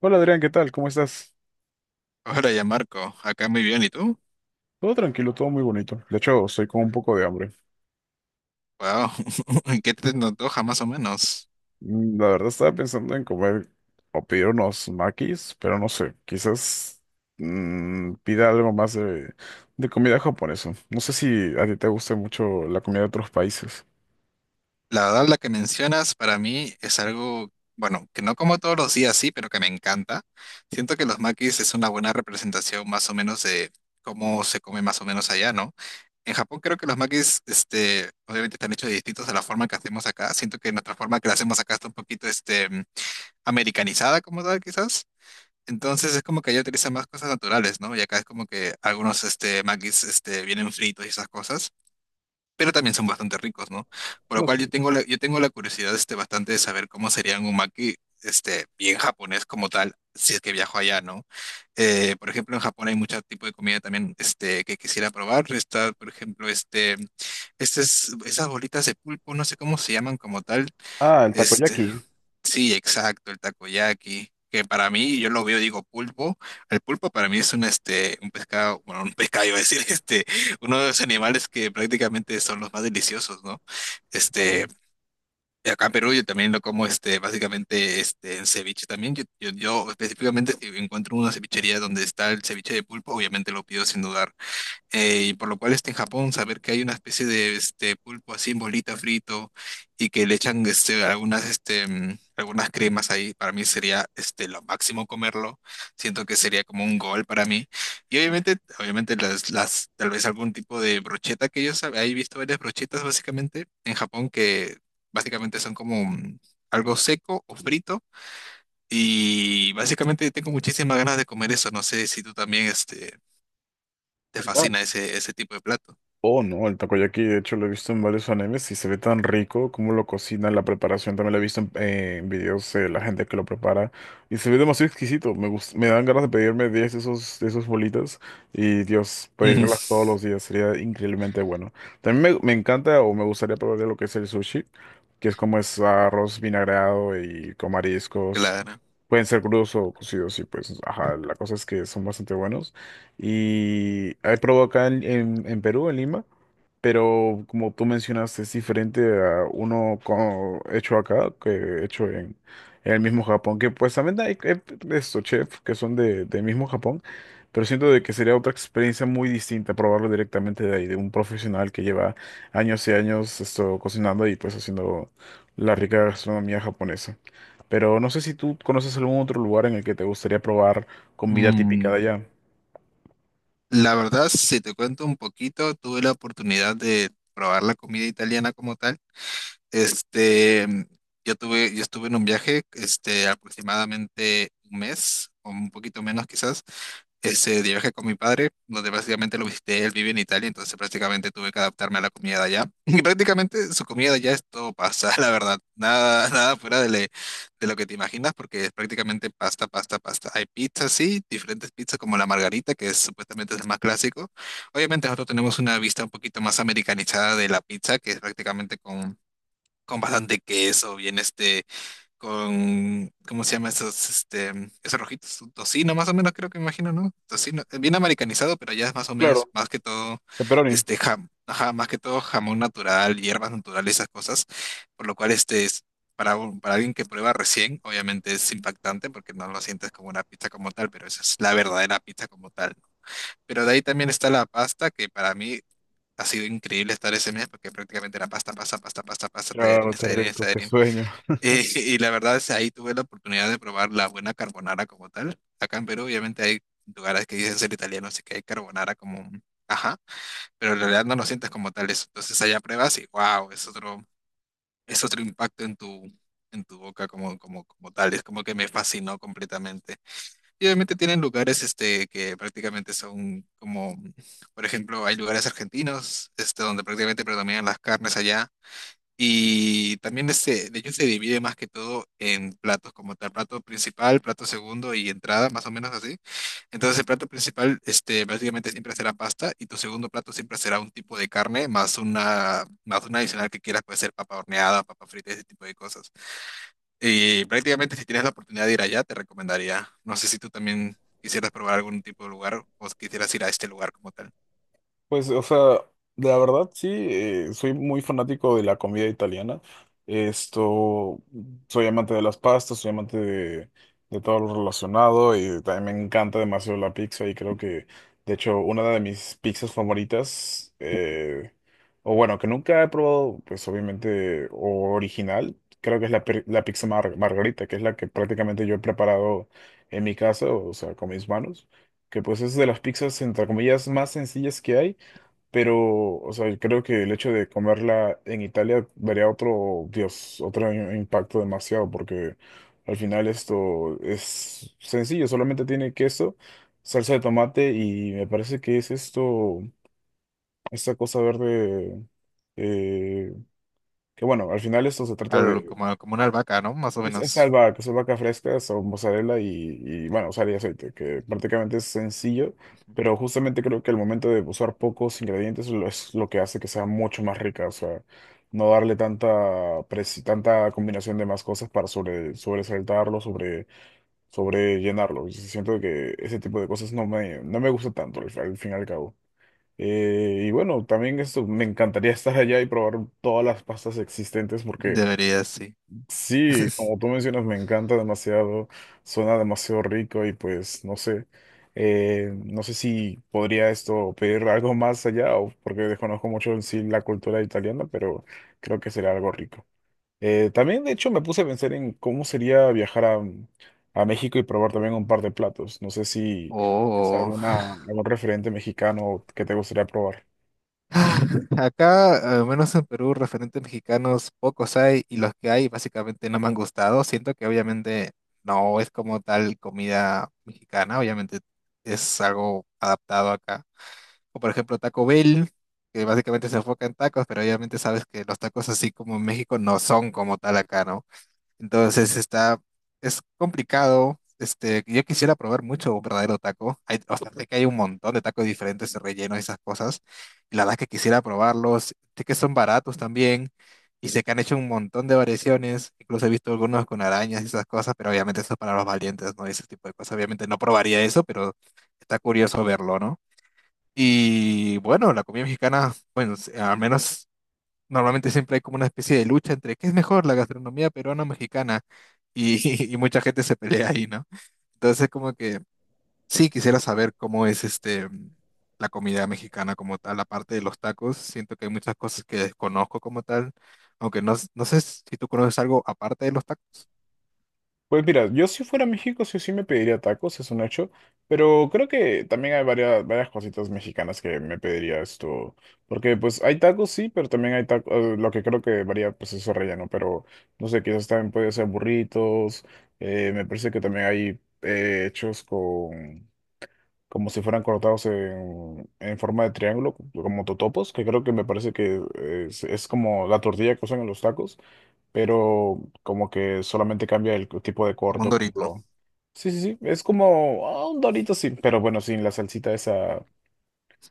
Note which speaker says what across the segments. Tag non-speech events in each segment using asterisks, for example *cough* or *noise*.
Speaker 1: Hola Adrián, ¿qué tal? ¿Cómo estás?
Speaker 2: Hola, ya Marco, acá muy bien, ¿y tú?
Speaker 1: Todo tranquilo, todo muy bonito. De hecho, estoy con un poco de hambre.
Speaker 2: Wow, *laughs* ¿en qué te antoja más o menos?
Speaker 1: La verdad estaba pensando en comer o pedir unos makis, pero no sé, quizás pida algo más de comida japonesa. No sé si a ti te gusta mucho la comida de otros países.
Speaker 2: La verdad, la que mencionas para mí es algo, bueno, que no como todos los días, sí, pero que me encanta. Siento que los makis es una buena representación más o menos de cómo se come más o menos allá, ¿no? En Japón creo que los makis, obviamente están hechos distintos a la forma que hacemos acá. Siento que nuestra forma que la hacemos acá está un poquito, americanizada como tal, quizás. Entonces es como que allá utilizan más cosas naturales, ¿no? Y acá es como que algunos maquis vienen fritos y esas cosas, pero también son bastante ricos, ¿no? Por lo
Speaker 1: No
Speaker 2: cual
Speaker 1: sé.
Speaker 2: yo tengo la curiosidad bastante de saber cómo serían un maki bien japonés como tal, si es que viajo allá, ¿no? Por ejemplo, en Japón hay mucho tipo de comida también que quisiera probar. Está, por ejemplo, estas esas bolitas de pulpo, no sé cómo se llaman como tal.
Speaker 1: Ah, el
Speaker 2: Este,
Speaker 1: takoyaki.
Speaker 2: Sí, exacto, el takoyaki, que para mí, yo lo veo, digo pulpo, el pulpo para mí es un pescado, bueno, un pescado, *laughs* iba a decir, *laughs* uno de los animales que prácticamente son los más deliciosos, ¿no?
Speaker 1: Claro.
Speaker 2: Este, acá en Perú yo también lo como, básicamente, en ceviche también, yo específicamente, si encuentro una cevichería donde está el ceviche de pulpo, obviamente lo pido sin dudar. Y por lo cual en Japón, saber que hay una especie de este pulpo así en bolita frito y que le echan algunas cremas ahí, para mí sería lo máximo comerlo. Siento que sería como un gol para mí. Y obviamente las tal vez algún tipo de brocheta que yo sabía, he visto varias brochetas básicamente en Japón que básicamente son como algo seco o frito, y básicamente tengo muchísimas ganas de comer eso. No sé si tú también te fascina ese tipo de plato.
Speaker 1: Oh, no, el takoyaki, de hecho, lo he visto en varios animes y se ve tan rico como lo cocinan, la preparación, también lo he visto en videos de la gente que lo prepara y se ve demasiado exquisito, me dan ganas de pedirme 10 de esos bolitas y Dios,
Speaker 2: Ujú.
Speaker 1: pedirlas todos los días sería increíblemente bueno. También me encanta o me gustaría probar lo que es el sushi, que es como es arroz vinagrado y con mariscos.
Speaker 2: Claro.
Speaker 1: Pueden ser crudos o cocidos y pues, ajá, la cosa es que son bastante buenos. Y he probado acá en Perú, en Lima. Pero como tú mencionaste, es diferente a uno hecho acá que hecho en el mismo Japón. Que pues también hay estos chefs que son de, del mismo Japón, pero siento de que sería otra experiencia muy distinta probarlo directamente de ahí, de un profesional que lleva años y años esto, cocinando y pues haciendo la rica gastronomía japonesa. Pero no sé si tú conoces algún otro lugar en el que te gustaría probar comida típica de
Speaker 2: Mm,
Speaker 1: allá.
Speaker 2: la verdad, si te cuento un poquito, tuve la oportunidad de probar la comida italiana como tal. Este, mm, yo estuve en un viaje, aproximadamente un mes, o un poquito menos quizás. Ese de viaje con mi padre, donde básicamente lo visité, él vive en Italia, entonces prácticamente tuve que adaptarme a la comida de allá. *laughs* Y prácticamente su comida de allá es todo pasta, *laughs* la verdad. Nada, nada fuera de lo que te imaginas, porque es prácticamente pasta, pasta, pasta. Hay pizzas, sí, diferentes pizzas como la margarita, que supuestamente es el más clásico. Obviamente nosotros tenemos una vista un poquito más americanizada de la pizza, que es prácticamente con bastante queso, bien con, ¿cómo se llama esos rojitos? Un tocino, más o menos, creo que me imagino, ¿no? Tocino, bien americanizado, pero ya es más o
Speaker 1: Claro.
Speaker 2: menos, más que todo,
Speaker 1: Pepperoni.
Speaker 2: ajá, más que todo jamón natural, hierbas naturales, esas cosas, por lo cual es, para alguien que prueba recién, obviamente es impactante porque no lo sientes como una pizza como tal, pero esa es la verdadera pizza como tal, ¿no? Pero de ahí también está la pasta, que para mí ha sido increíble estar ese mes, porque prácticamente era pasta, pasta, pasta, pasta, pasta,
Speaker 1: Claro,
Speaker 2: tallarines,
Speaker 1: qué
Speaker 2: tallarines,
Speaker 1: rico, qué
Speaker 2: tallarines.
Speaker 1: sueño.
Speaker 2: *laughs* Y la verdad es ahí tuve la oportunidad de probar la buena carbonara como tal. Acá en Perú, obviamente, hay lugares que dicen ser italianos y que hay carbonara ajá, pero en realidad no lo sientes como tal eso. Entonces allá pruebas y wow, es otro impacto en tu boca como tal. Es como que me fascinó completamente. Y obviamente tienen lugares que prácticamente son como, por ejemplo, hay lugares argentinos donde prácticamente predominan las carnes allá, y también de hecho se divide más que todo en platos, como tal, plato principal, plato segundo y entrada, más o menos así. Entonces el plato principal, básicamente siempre será pasta, y tu segundo plato siempre será un tipo de carne más una, adicional que quieras, puede ser papa horneada, papa frita, ese tipo de cosas. Y prácticamente si tienes la oportunidad de ir allá, te recomendaría. No sé si tú también quisieras probar algún tipo de lugar, o quisieras ir a este lugar como tal.
Speaker 1: Pues, o sea, la verdad sí, soy muy fanático de la comida italiana. Esto, soy amante de las pastas, soy amante de todo lo relacionado y también me encanta demasiado la pizza y creo que, de hecho, una de mis pizzas favoritas, o bueno, que nunca he probado, pues obviamente, o original, creo que es la, la pizza margarita, que es la que prácticamente yo he preparado en mi casa, o sea, con mis manos que pues es de las pizzas entre comillas más sencillas que hay pero, o sea, yo creo que el hecho de comerla en Italia daría otro, Dios, otro impacto demasiado, porque al final esto es sencillo, solamente tiene queso, salsa de tomate y me parece que es esto, esta cosa verde, eh, que bueno, al final esto se trata
Speaker 2: Al-
Speaker 1: de,
Speaker 2: como, como una albahaca, ¿no? Más o menos.
Speaker 1: es albahaca fresca, son mozzarella y, bueno, usar y aceite, que prácticamente es sencillo, pero justamente creo que el momento de usar pocos ingredientes es lo que hace que sea mucho más rica, o sea, no darle tanta, tanta combinación de más cosas para sobre, sobresaltarlo, sobre, sobrellenarlo. Y sí siento que ese tipo de cosas no me, no me gusta tanto, al, al fin y al cabo. Y bueno, también esto, me encantaría estar allá y probar todas las pastas existentes porque...
Speaker 2: Debería, sí.
Speaker 1: Sí, como tú mencionas, me encanta demasiado, suena demasiado rico y pues no sé, no sé si podría esto pedir algo más allá o porque desconozco mucho en sí la cultura italiana, pero creo que sería algo rico. También, de hecho, me puse a pensar en cómo sería viajar a México y probar también un par de platos. No sé si es
Speaker 2: Oh.
Speaker 1: alguna, algún referente mexicano que te gustaría probar.
Speaker 2: *laughs* Acá, al menos en Perú, referentes mexicanos pocos hay y los que hay básicamente no me han gustado. Siento que obviamente no es como tal comida mexicana, obviamente es algo adaptado acá. O por ejemplo Taco Bell, que básicamente se enfoca en tacos, pero obviamente sabes que los tacos así como en México no son como tal acá, ¿no? Entonces está, es complicado. Yo quisiera probar mucho un verdadero taco. Hay, o sea, sé que hay un montón de tacos diferentes, de relleno y esas cosas. Y la verdad que quisiera probarlos. Sé que son baratos también. Y sé que han hecho un montón de variaciones. Incluso he visto algunos con arañas y esas cosas, pero obviamente eso es para los valientes, ¿no? Ese tipo de cosas. Obviamente no probaría eso, pero está curioso verlo, ¿no? Y bueno, la comida mexicana, bueno, al menos normalmente siempre hay como una especie de lucha entre qué es mejor, la gastronomía peruana o mexicana, y, *laughs* y mucha gente se pelea ahí, ¿no? Entonces, como que sí, quisiera saber cómo es la comida mexicana como tal, aparte de los tacos. Siento que hay muchas cosas que desconozco como tal, aunque no sé si tú conoces algo aparte de los tacos,
Speaker 1: Pues mira, yo si fuera a México sí o sí me pediría tacos, es un hecho, pero creo que también hay varias, varias cositas mexicanas que me pediría esto, porque pues hay tacos sí, pero también hay tacos, lo que creo que varía pues es su relleno, pero no sé, quizás también puede ser burritos, me parece que también hay hechos con, como si fueran cortados en forma de triángulo, como totopos, que creo que me parece que es como la tortilla que usan en los tacos pero como que solamente cambia el tipo de
Speaker 2: como un
Speaker 1: corto, como
Speaker 2: Dorito.
Speaker 1: lo... Sí, sí, sí, es como ah, un Dorito, sí, pero bueno, sin la salsita esa,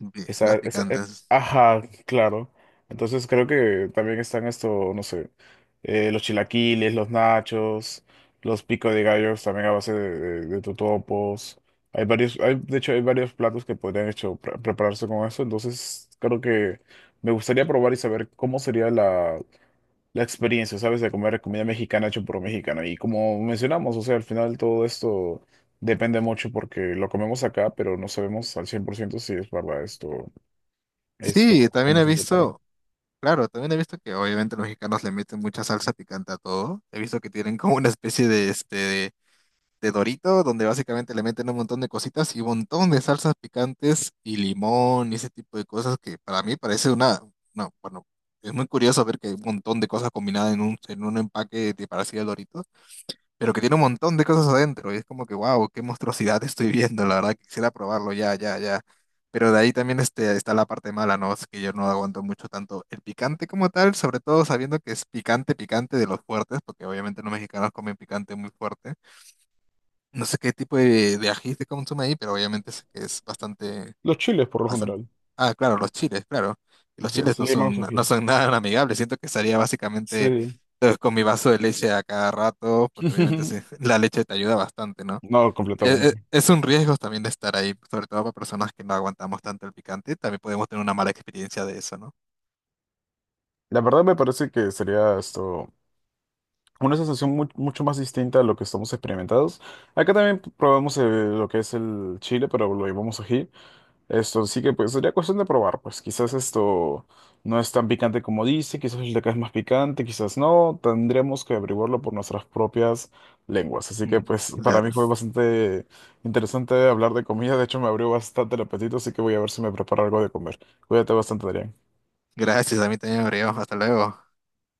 Speaker 2: *laughs*
Speaker 1: esa,
Speaker 2: Las
Speaker 1: esa,
Speaker 2: picantes.
Speaker 1: ajá, claro. Entonces creo que también están esto, no sé, los chilaquiles, los nachos, los pico de gallos también a base de totopos. Hay varios, hay, de hecho, hay varios platos que podrían hecho prepararse con eso, entonces creo que me gustaría probar y saber cómo sería la la experiencia, ¿sabes? De comer comida mexicana hecho por un mexicano. Y como mencionamos, o sea, al final todo esto depende mucho porque lo comemos acá, pero no sabemos al 100% si es verdad esto, esto,
Speaker 2: Sí, también
Speaker 1: cómo
Speaker 2: he
Speaker 1: se prepara.
Speaker 2: visto. Claro, también he visto que obviamente los mexicanos le meten mucha salsa picante a todo. He visto que tienen como una especie de Dorito, donde básicamente le meten un montón de cositas y un montón de salsas picantes y limón, y ese tipo de cosas que para mí parece una, bueno, es muy curioso ver que hay un montón de cosas combinadas en un empaque de parecido al Dorito, pero que tiene un montón de cosas adentro. Y es como que, wow, qué monstruosidad estoy viendo. La verdad, quisiera probarlo ya, ya, ya. Pero de ahí también está la parte mala, ¿no? Es que yo no aguanto mucho tanto el picante como tal, sobre todo sabiendo que es picante, picante de los fuertes, porque obviamente los mexicanos comen picante muy fuerte. No sé qué tipo de ají se consume ahí, pero obviamente sé que es bastante.
Speaker 1: Los chiles, por lo
Speaker 2: Bastante.
Speaker 1: general.
Speaker 2: Ah, claro.
Speaker 1: O
Speaker 2: Los
Speaker 1: sea,
Speaker 2: chiles
Speaker 1: así
Speaker 2: no
Speaker 1: le llamamos
Speaker 2: son, *laughs*
Speaker 1: ají.
Speaker 2: no son nada amigables. Siento que estaría básicamente
Speaker 1: Sí.
Speaker 2: con mi vaso de leche a cada rato, porque obviamente
Speaker 1: *laughs*
Speaker 2: *laughs* la leche te ayuda bastante, ¿no?
Speaker 1: No,
Speaker 2: Es, es-
Speaker 1: completamente.
Speaker 2: es un riesgo también de estar ahí, sobre todo para personas que no aguantamos tanto el picante. También podemos tener una mala experiencia de eso, ¿no?
Speaker 1: La verdad me parece que sería esto una sensación mucho más distinta a lo que estamos experimentados. Acá también probamos lo que es el chile, pero lo llevamos ají. Esto, sí que pues sería cuestión de probar, pues quizás esto no es tan picante como dice, quizás el de acá es más picante, quizás no, tendríamos que averiguarlo por nuestras propias lenguas. Así que
Speaker 2: Ujú.
Speaker 1: pues para mí
Speaker 2: Claro.
Speaker 1: fue bastante interesante hablar de comida, de hecho me abrió bastante el apetito, así que voy a ver si me preparo algo de comer. Cuídate bastante, Adrián.
Speaker 2: Gracias, a mí también me abrió. Hasta luego.